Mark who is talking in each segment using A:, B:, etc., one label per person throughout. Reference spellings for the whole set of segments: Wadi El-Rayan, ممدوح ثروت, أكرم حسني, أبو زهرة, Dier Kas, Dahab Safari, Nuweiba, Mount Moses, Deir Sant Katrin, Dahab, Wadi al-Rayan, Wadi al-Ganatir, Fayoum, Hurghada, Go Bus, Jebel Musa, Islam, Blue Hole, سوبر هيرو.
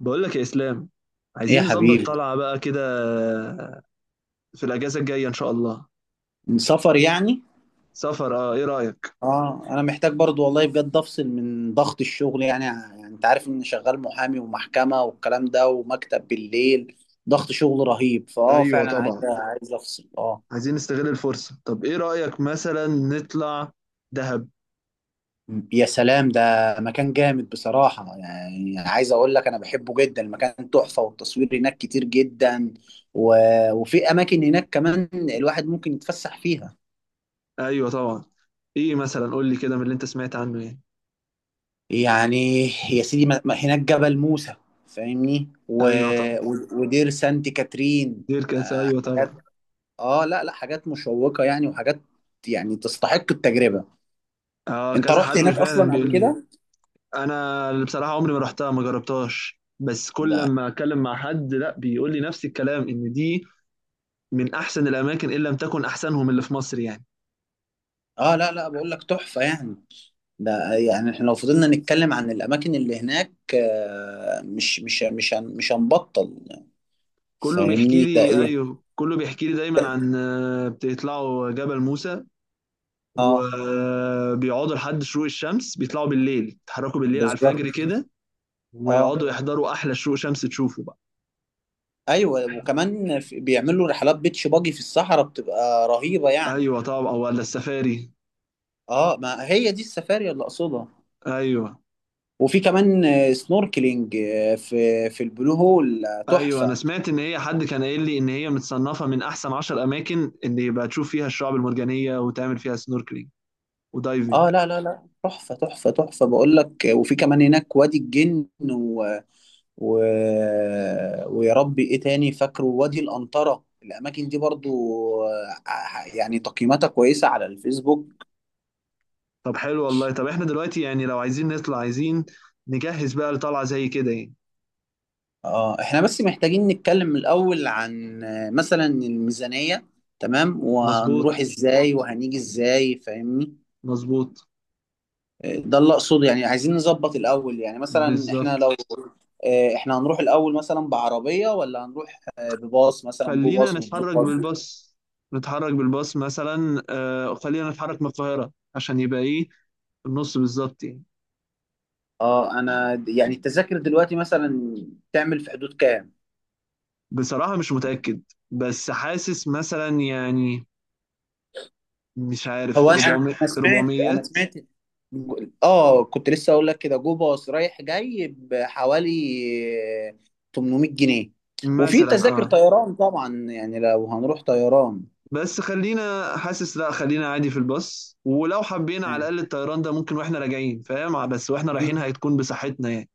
A: بقول لك يا اسلام،
B: ايه يا
A: عايزين نظبط
B: حبيبي؟
A: طلعه بقى كده في الاجازه الجايه ان شاء الله.
B: سفر يعني؟
A: سفر، ايه رايك؟
B: اه، انا محتاج برضو والله، بجد افصل من ضغط الشغل. يعني انت عارف اني شغال محامي ومحكمة والكلام ده، ومكتب بالليل. ضغط شغل رهيب،
A: ايوه
B: فعلا عايز
A: طبعا،
B: عايز افصل. اه.
A: عايزين نستغل الفرصه. طب ايه رايك مثلا نطلع دهب؟
B: يا سلام، ده مكان جامد بصراحة. يعني عايز اقول لك انا بحبه جدا، المكان تحفة، والتصوير هناك كتير جدا و... وفي اماكن هناك كمان الواحد ممكن يتفسح فيها.
A: ايوه طبعا. ايه مثلا قول لي كده من اللي انت سمعت عنه يعني؟
B: يعني يا سيدي، هناك جبل موسى فاهمني،
A: ايوه طبعا.
B: ودير سانت كاترين.
A: دير كاس، ايوه طبعا.
B: حاجات، اه، لا لا، حاجات مشوقة يعني، وحاجات يعني تستحق التجربة.
A: اه
B: انت
A: كذا
B: رحت
A: حد
B: هناك
A: فعلا
B: اصلا قبل
A: بيقول لي.
B: كده؟
A: انا اللي بصراحه عمري ما رحتها، ما جربتهاش، بس كل
B: لا.
A: لما اتكلم مع حد لا بيقول لي نفس الكلام ان دي من احسن الاماكن ان لم تكن احسنهم اللي في مصر يعني.
B: اه، لا لا، بقول لك تحفة يعني. ده يعني احنا لو فضلنا نتكلم عن الاماكن اللي هناك مش مش هنبطل.
A: كله بيحكي
B: فاهمني ده
A: لي،
B: ايه.
A: ايوه كله بيحكي لي دايما عن بتطلعوا جبل موسى
B: اه،
A: وبيقعدوا لحد شروق الشمس، بيطلعوا بالليل يتحركوا بالليل على
B: بالظبط.
A: الفجر كده،
B: اه،
A: ويقعدوا يحضروا احلى شروق شمس تشوفه بقى.
B: ايوه، وكمان بيعملوا رحلات بيتش باجي في الصحراء، بتبقى رهيبة يعني.
A: ايوه طبعا، أو ولا السفاري؟
B: اه، ما هي دي السفاري اللي اقصدها.
A: ايوه.
B: وفي كمان سنوركلينج في البلو هول
A: ايوه انا
B: تحفة.
A: سمعت ان هي، حد كان قايل لي ان هي متصنفه من احسن 10 اماكن ان يبقى تشوف فيها الشعاب المرجانيه وتعمل فيها سنوركلينج ودايفنج.
B: اه، لا لا لا، تحفة تحفة تحفة، بقول لك. وفي كمان هناك وادي الجن و... ويا ربي ايه تاني فاكره، وادي القنطرة، الاماكن دي برضو يعني تقييماتها كويسة على الفيسبوك.
A: طب حلو والله. طب احنا دلوقتي يعني لو عايزين نطلع، عايزين نجهز بقى لطلعه زي كده يعني.
B: اه، احنا بس محتاجين نتكلم الاول عن مثلا الميزانية، تمام، وهنروح
A: مظبوط،
B: ازاي وهنيجي ازاي فاهمني.
A: مظبوط.
B: ده اللي اقصده يعني، عايزين نظبط الاول يعني. مثلا احنا
A: بالظبط،
B: لو احنا هنروح الاول مثلا بعربيه ولا هنروح بباص، مثلا جو
A: خلينا
B: باص وبلو
A: نتحرك
B: باص.
A: بالباص. نتحرك بالباص مثلا، آه خلينا نتحرك من القاهرة عشان يبقى ايه، النص بالظبط يعني.
B: اه، يعني التذاكر دلوقتي مثلا تعمل في حدود كام؟
A: بصراحة مش متأكد، بس حاسس مثلا يعني، مش عارف
B: هو انا،
A: 400،
B: انا سمعت انا
A: 400
B: سمعت اه، كنت لسه اقول لك كده، جو باص رايح جاي بحوالي آه، 800 جنيه. وفي
A: مثلا
B: تذاكر
A: اه.
B: طيران طبعا، يعني لو هنروح طيران.
A: بس خلينا حاسس، لا خلينا عادي في الباص، ولو حبينا على الأقل الطيران ده ممكن واحنا راجعين، فاهم؟ بس واحنا
B: آه.
A: رايحين هتكون بصحتنا يعني.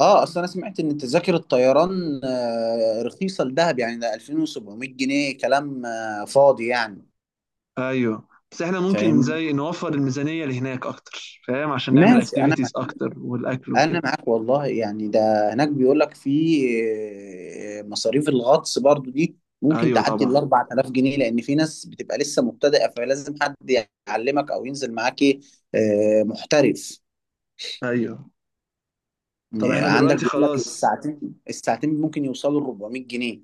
B: اه، اصل انا سمعت ان تذاكر الطيران رخيصه لدهب يعني، ده 2700 جنيه كلام فاضي يعني.
A: ايوه بس احنا ممكن
B: فاهم.
A: زي نوفر الميزانية لهناك اكتر، فاهم؟ عشان نعمل
B: ماشي، انا،
A: اكتيفيتيز اكتر والاكل
B: انا
A: وكده.
B: معاك والله يعني. ده هناك بيقول لك في مصاريف الغطس برضو دي ممكن
A: ايوه
B: تعدي ال
A: طبعا.
B: 4000 جنيه، لان في ناس بتبقى لسه مبتدئه، فلازم حد يعلمك او ينزل معاك محترف.
A: ايوه. طب احنا
B: عندك
A: دلوقتي
B: بيقول لك
A: خلاص،
B: الساعتين الساعتين ممكن يوصلوا ل 400 جنيه.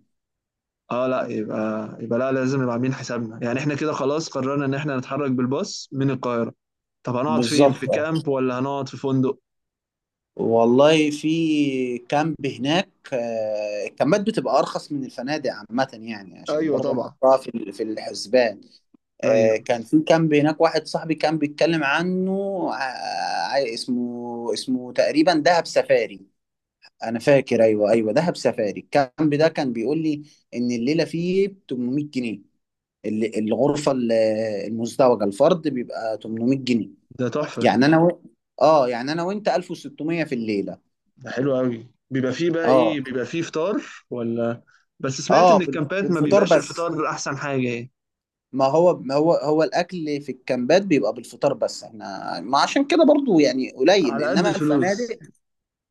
A: اه لا يبقى، يبقى لا لازم نبقى عاملين حسابنا يعني. احنا كده خلاص قررنا ان احنا نتحرك بالباص من القاهرة. طب هنقعد فين، في
B: بالظبط،
A: كامب ولا هنقعد في فندق؟
B: والله في كامب هناك الكامبات بتبقى ارخص من الفنادق عامه يعني، عشان
A: ايوه
B: برضه
A: طبعا.
B: نحطها في في الحسبان.
A: ايوه.
B: كان في كامب هناك واحد صاحبي كان بيتكلم عنه اسمه تقريبا دهب سفاري، انا فاكر. ايوه ايوه، دهب سفاري، الكامب ده كان بيقول لي ان الليله فيه ب 800 جنيه، الغرفه المزدوجه، الفرد بيبقى 800 جنيه.
A: ده تحفة
B: يعني
A: ده.
B: انا اه، يعني انا وانت 1600 في الليله.
A: ده حلو قوي. بيبقى فيه بقى ايه،
B: اه
A: بيبقى فيه فطار ولا؟ بس سمعت
B: اه،
A: ان الكامبات ما
B: بالفطار
A: بيبقاش
B: بس.
A: الفطار احسن حاجة يعني.
B: ما هو الاكل في الكامبات بيبقى بالفطار بس، احنا ما عشان كده برضو يعني قليل،
A: على قد
B: انما
A: الفلوس.
B: الفنادق،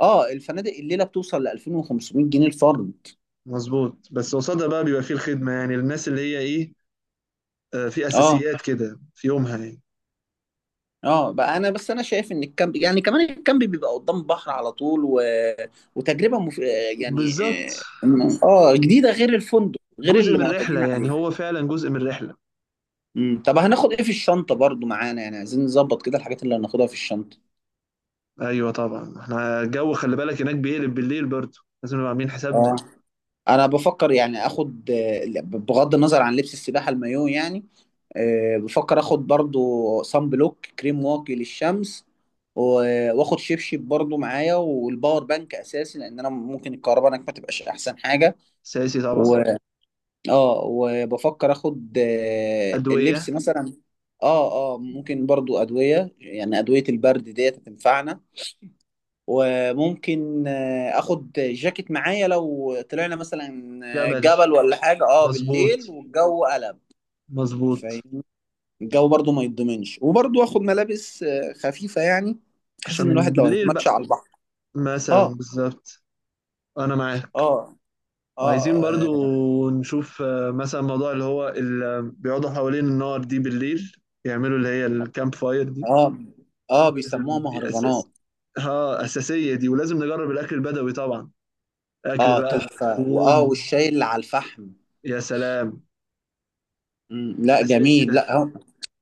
B: اه، الفنادق الليله بتوصل ل 2500 جنيه الفرد.
A: مظبوط، بس قصادها بقى بيبقى فيه الخدمة يعني، للناس اللي هي إيه، في
B: اه
A: أساسيات كده في يومها يعني.
B: اه، بقى انا، انا شايف ان الكامب، يعني كمان الكامب بيبقى قدام البحر على طول وتجربه يعني
A: بالظبط.
B: اه جديده، غير الفندق، غير
A: جزء
B: اللي
A: من الرحلة
B: معتادين
A: يعني،
B: عليه.
A: هو فعلا جزء من الرحلة.
B: طب هناخد ايه في الشنطه برضو معانا؟ يعني عايزين نظبط كده الحاجات اللي هناخدها في الشنطه.
A: أيوه طبعا، إحنا الجو خلي بالك هناك بيقلب بالليل برضه، لازم نبقى عاملين
B: اه،
A: حسابنا.
B: انا بفكر يعني اخد بغض النظر عن لبس السباحه المايو يعني، بفكر اخد برضو صن بلوك كريم واقي للشمس، واخد شبشب برضو معايا، والباور بانك اساسي، لان انا ممكن الكهرباء هناك ما تبقاش احسن حاجه.
A: أساسي طبعا.
B: و... اه، وبفكر اخد اللبس
A: أدوية.
B: مثلا. اه اه، ممكن برضو ادويه، يعني ادويه البرد ديت هتنفعنا. وممكن اخد جاكيت معايا لو طلعنا مثلا
A: جبل.
B: جبل ولا حاجه، اه،
A: مظبوط،
B: بالليل والجو قلب.
A: مظبوط.
B: فاهم، الجو برضو ما يتضمنش. وبرضو اخد ملابس خفيفه يعني، بحيث ان
A: عشان
B: الواحد لو
A: بالليل
B: هيتمشى
A: بقى
B: على البحر.
A: مثلا،
B: اه
A: بالظبط. أنا معاك.
B: اه اه
A: وعايزين
B: اه
A: برضو نشوف مثلا موضوع اللي هو اللي بيقعدوا حوالين النار دي بالليل، يعملوا اللي هي الكامب فاير دي.
B: اه،
A: لازم
B: بيسموها
A: دي اساس،
B: مهرجانات.
A: ها اساسيه دي. ولازم نجرب الاكل البدوي طبعا، اكل
B: اه،
A: بقى
B: تحفه، واه،
A: المدفون.
B: والشاي اللي على الفحم.
A: يا سلام،
B: مم، لا،
A: اساسي
B: جميل،
A: ده.
B: لا. هم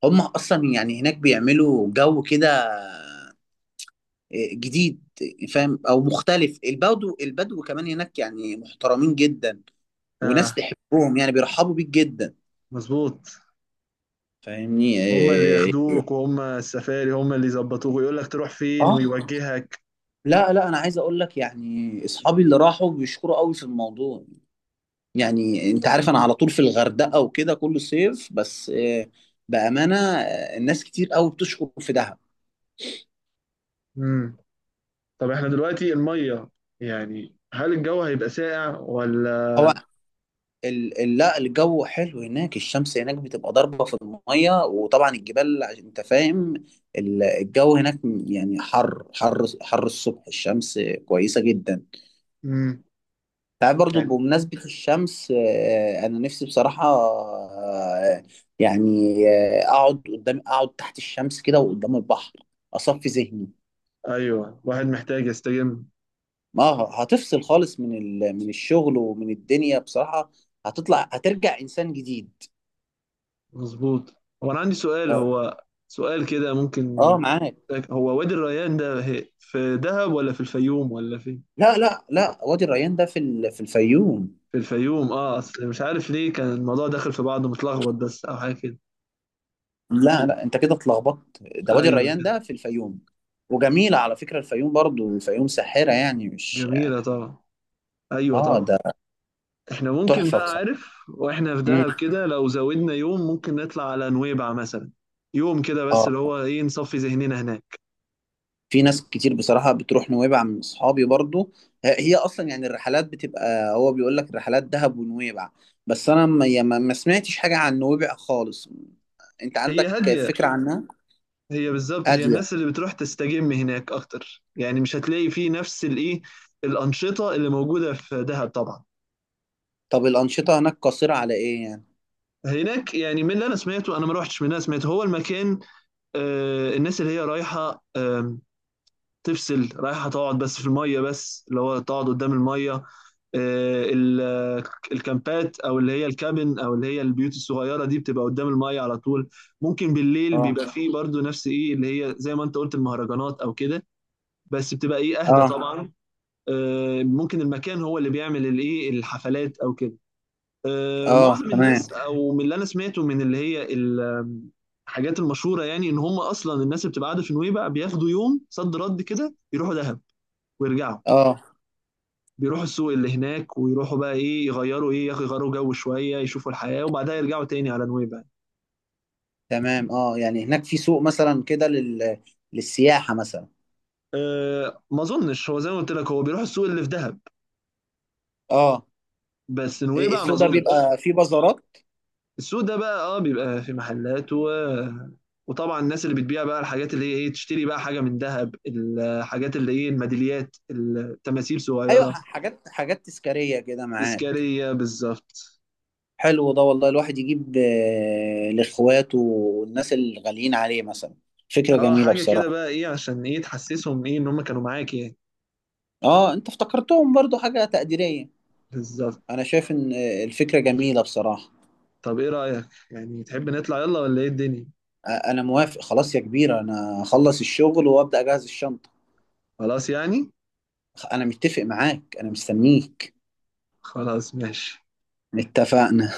B: هم اصلا يعني هناك بيعملوا جو كده جديد، فاهم، او مختلف. البدو البدو كمان هناك يعني محترمين جدا، وناس
A: اه،
B: تحبهم، يعني بيرحبوا بيك جدا.
A: مظبوط.
B: فاهمني
A: هما اللي ياخدوك، وهما السفاري هما اللي يظبطوك ويقول لك تروح فين
B: اه،
A: ويوجهك.
B: لا لا، انا عايز اقول لك يعني، اصحابي اللي راحوا بيشكروا قوي في الموضوع. يعني انت عارف انا على طول في الغردقة وكده كل صيف، بس إيه، بأمانة، الناس كتير قوي بتشكر في دهب.
A: امم طب احنا دلوقتي الميه يعني، هل الجو هيبقى ساقع ولا؟
B: هو لا، الجو حلو هناك، الشمس هناك بتبقى ضاربة في المية، وطبعا الجبال، عشان انت فاهم الجو هناك يعني حر حر حر. الصبح الشمس كويسة جدا.
A: امم
B: تعرف، برضو
A: يعني.
B: بمناسبة الشمس انا نفسي بصراحة يعني اقعد قدام، اقعد تحت الشمس كده، وقدام البحر اصفي ذهني.
A: ايوه واحد محتاج يستجم.
B: ما هتفصل خالص من من الشغل ومن الدنيا بصراحة. هتطلع هترجع انسان جديد.
A: مظبوط. هو انا عندي سؤال،
B: اه
A: هو سؤال كده ممكن.
B: معاك.
A: هو وادي الريان ده هي في دهب ولا في الفيوم ولا فين؟
B: لا لا لا، وادي الريان ده في في الفيوم.
A: في الفيوم اه، اصل مش عارف ليه كان الموضوع داخل في بعضه متلخبط بس، او حاجه كده.
B: لا لا، انت كده اتلخبطت، ده وادي
A: ايوه
B: الريان
A: كده.
B: ده في الفيوم. وجميلة على فكرة الفيوم، برضو الفيوم ساحرة يعني، مش...
A: جميله طبعا، ايوه
B: اه،
A: طبعا.
B: ده
A: احنا ممكن
B: تحفة
A: بقى،
B: بصراحة.
A: عارف؟ واحنا في
B: مم.
A: دهب كده لو زودنا يوم ممكن نطلع على نويبع مثلا، يوم كده بس، اللي
B: اه،
A: هو ايه نصفي ذهننا هناك.
B: في ناس كتير بصراحة بتروح نويبع، من اصحابي برضو. هي اصلا يعني الرحلات بتبقى، هو بيقول لك رحلات دهب ونويبع. بس انا ما يا ما- ما سمعتش حاجة عن نويبع خالص. انت
A: هي
B: عندك
A: هاديه.
B: فكرة عنها؟
A: هي بالظبط، هي
B: هادية.
A: الناس اللي بتروح تستجم هناك اكتر يعني، مش هتلاقي فيه نفس الايه، الانشطه اللي موجوده في دهب طبعا.
B: طب الأنشطة هناك قاصرة على ايه يعني؟
A: هناك يعني من اللي انا سمعته، انا ما روحتش، من اللي انا سمعته هو المكان، آه الناس اللي هي رايحه، آه تفصل، رايحه تقعد بس في الميه، بس اللي هو تقعد قدام الميه. آه ال- الكامبات او اللي هي الكابن او اللي هي البيوت الصغيره دي بتبقى قدام الميه على طول. ممكن بالليل
B: اه
A: بيبقى فيه برضو نفس ايه اللي هي زي ما انت قلت، المهرجانات او كده، بس بتبقى ايه اهدى
B: اه
A: طبعا. ممكن المكان هو اللي بيعمل الايه، الحفلات او كده.
B: اه،
A: معظم الناس
B: تمام.
A: او من اللي انا سمعته، من اللي هي ال- الحاجات المشهوره يعني، ان هم اصلا الناس اللي بتبقى قاعده في نويبع بياخدوا يوم صد رد كده يروحوا دهب ويرجعوا.
B: اه،
A: بيروحوا السوق اللي هناك، ويروحوا بقى ايه، يغيروا ايه، يغيروا جو شويه يشوفوا الحياه وبعدها يرجعوا تاني على نويبع.
B: تمام. اه، يعني هناك في سوق مثلا كده للسياحة مثلا.
A: أه ما اظنش، هو زي ما قلت لك هو بيروح السوق اللي في دهب،
B: اه،
A: بس نويبع ما
B: السوق ده
A: اظنش.
B: بيبقى فيه بازارات.
A: السوق ده بقى اه بيبقى في محلات، و... وطبعا الناس اللي بتبيع بقى الحاجات اللي هي ايه، تشتري بقى حاجه من ذهب، الحاجات اللي ايه الميداليات، التماثيل
B: ايوه،
A: صغيره.
B: حاجات حاجات تذكارية كده، معاك.
A: تذكاريه بالظبط.
B: حلو ده والله، الواحد يجيب لاخواته والناس الغاليين عليه مثلا. فكرة
A: اه
B: جميلة
A: حاجه كده
B: بصراحة.
A: بقى ايه، عشان ايه تحسسهم ايه ان هم كانوا معاك يعني.
B: اه، انت افتكرتهم، برضو حاجة تقديرية.
A: بالظبط.
B: انا شايف ان الفكرة جميلة بصراحة.
A: طب ايه رايك يعني، تحب نطلع يلا ولا ايه الدنيا؟
B: انا موافق خلاص يا كبير، انا اخلص الشغل وابدأ اجهز الشنطة.
A: خلاص يعني.
B: انا متفق معاك، انا مستنيك.
A: خلاص ماشي.
B: اتفقنا.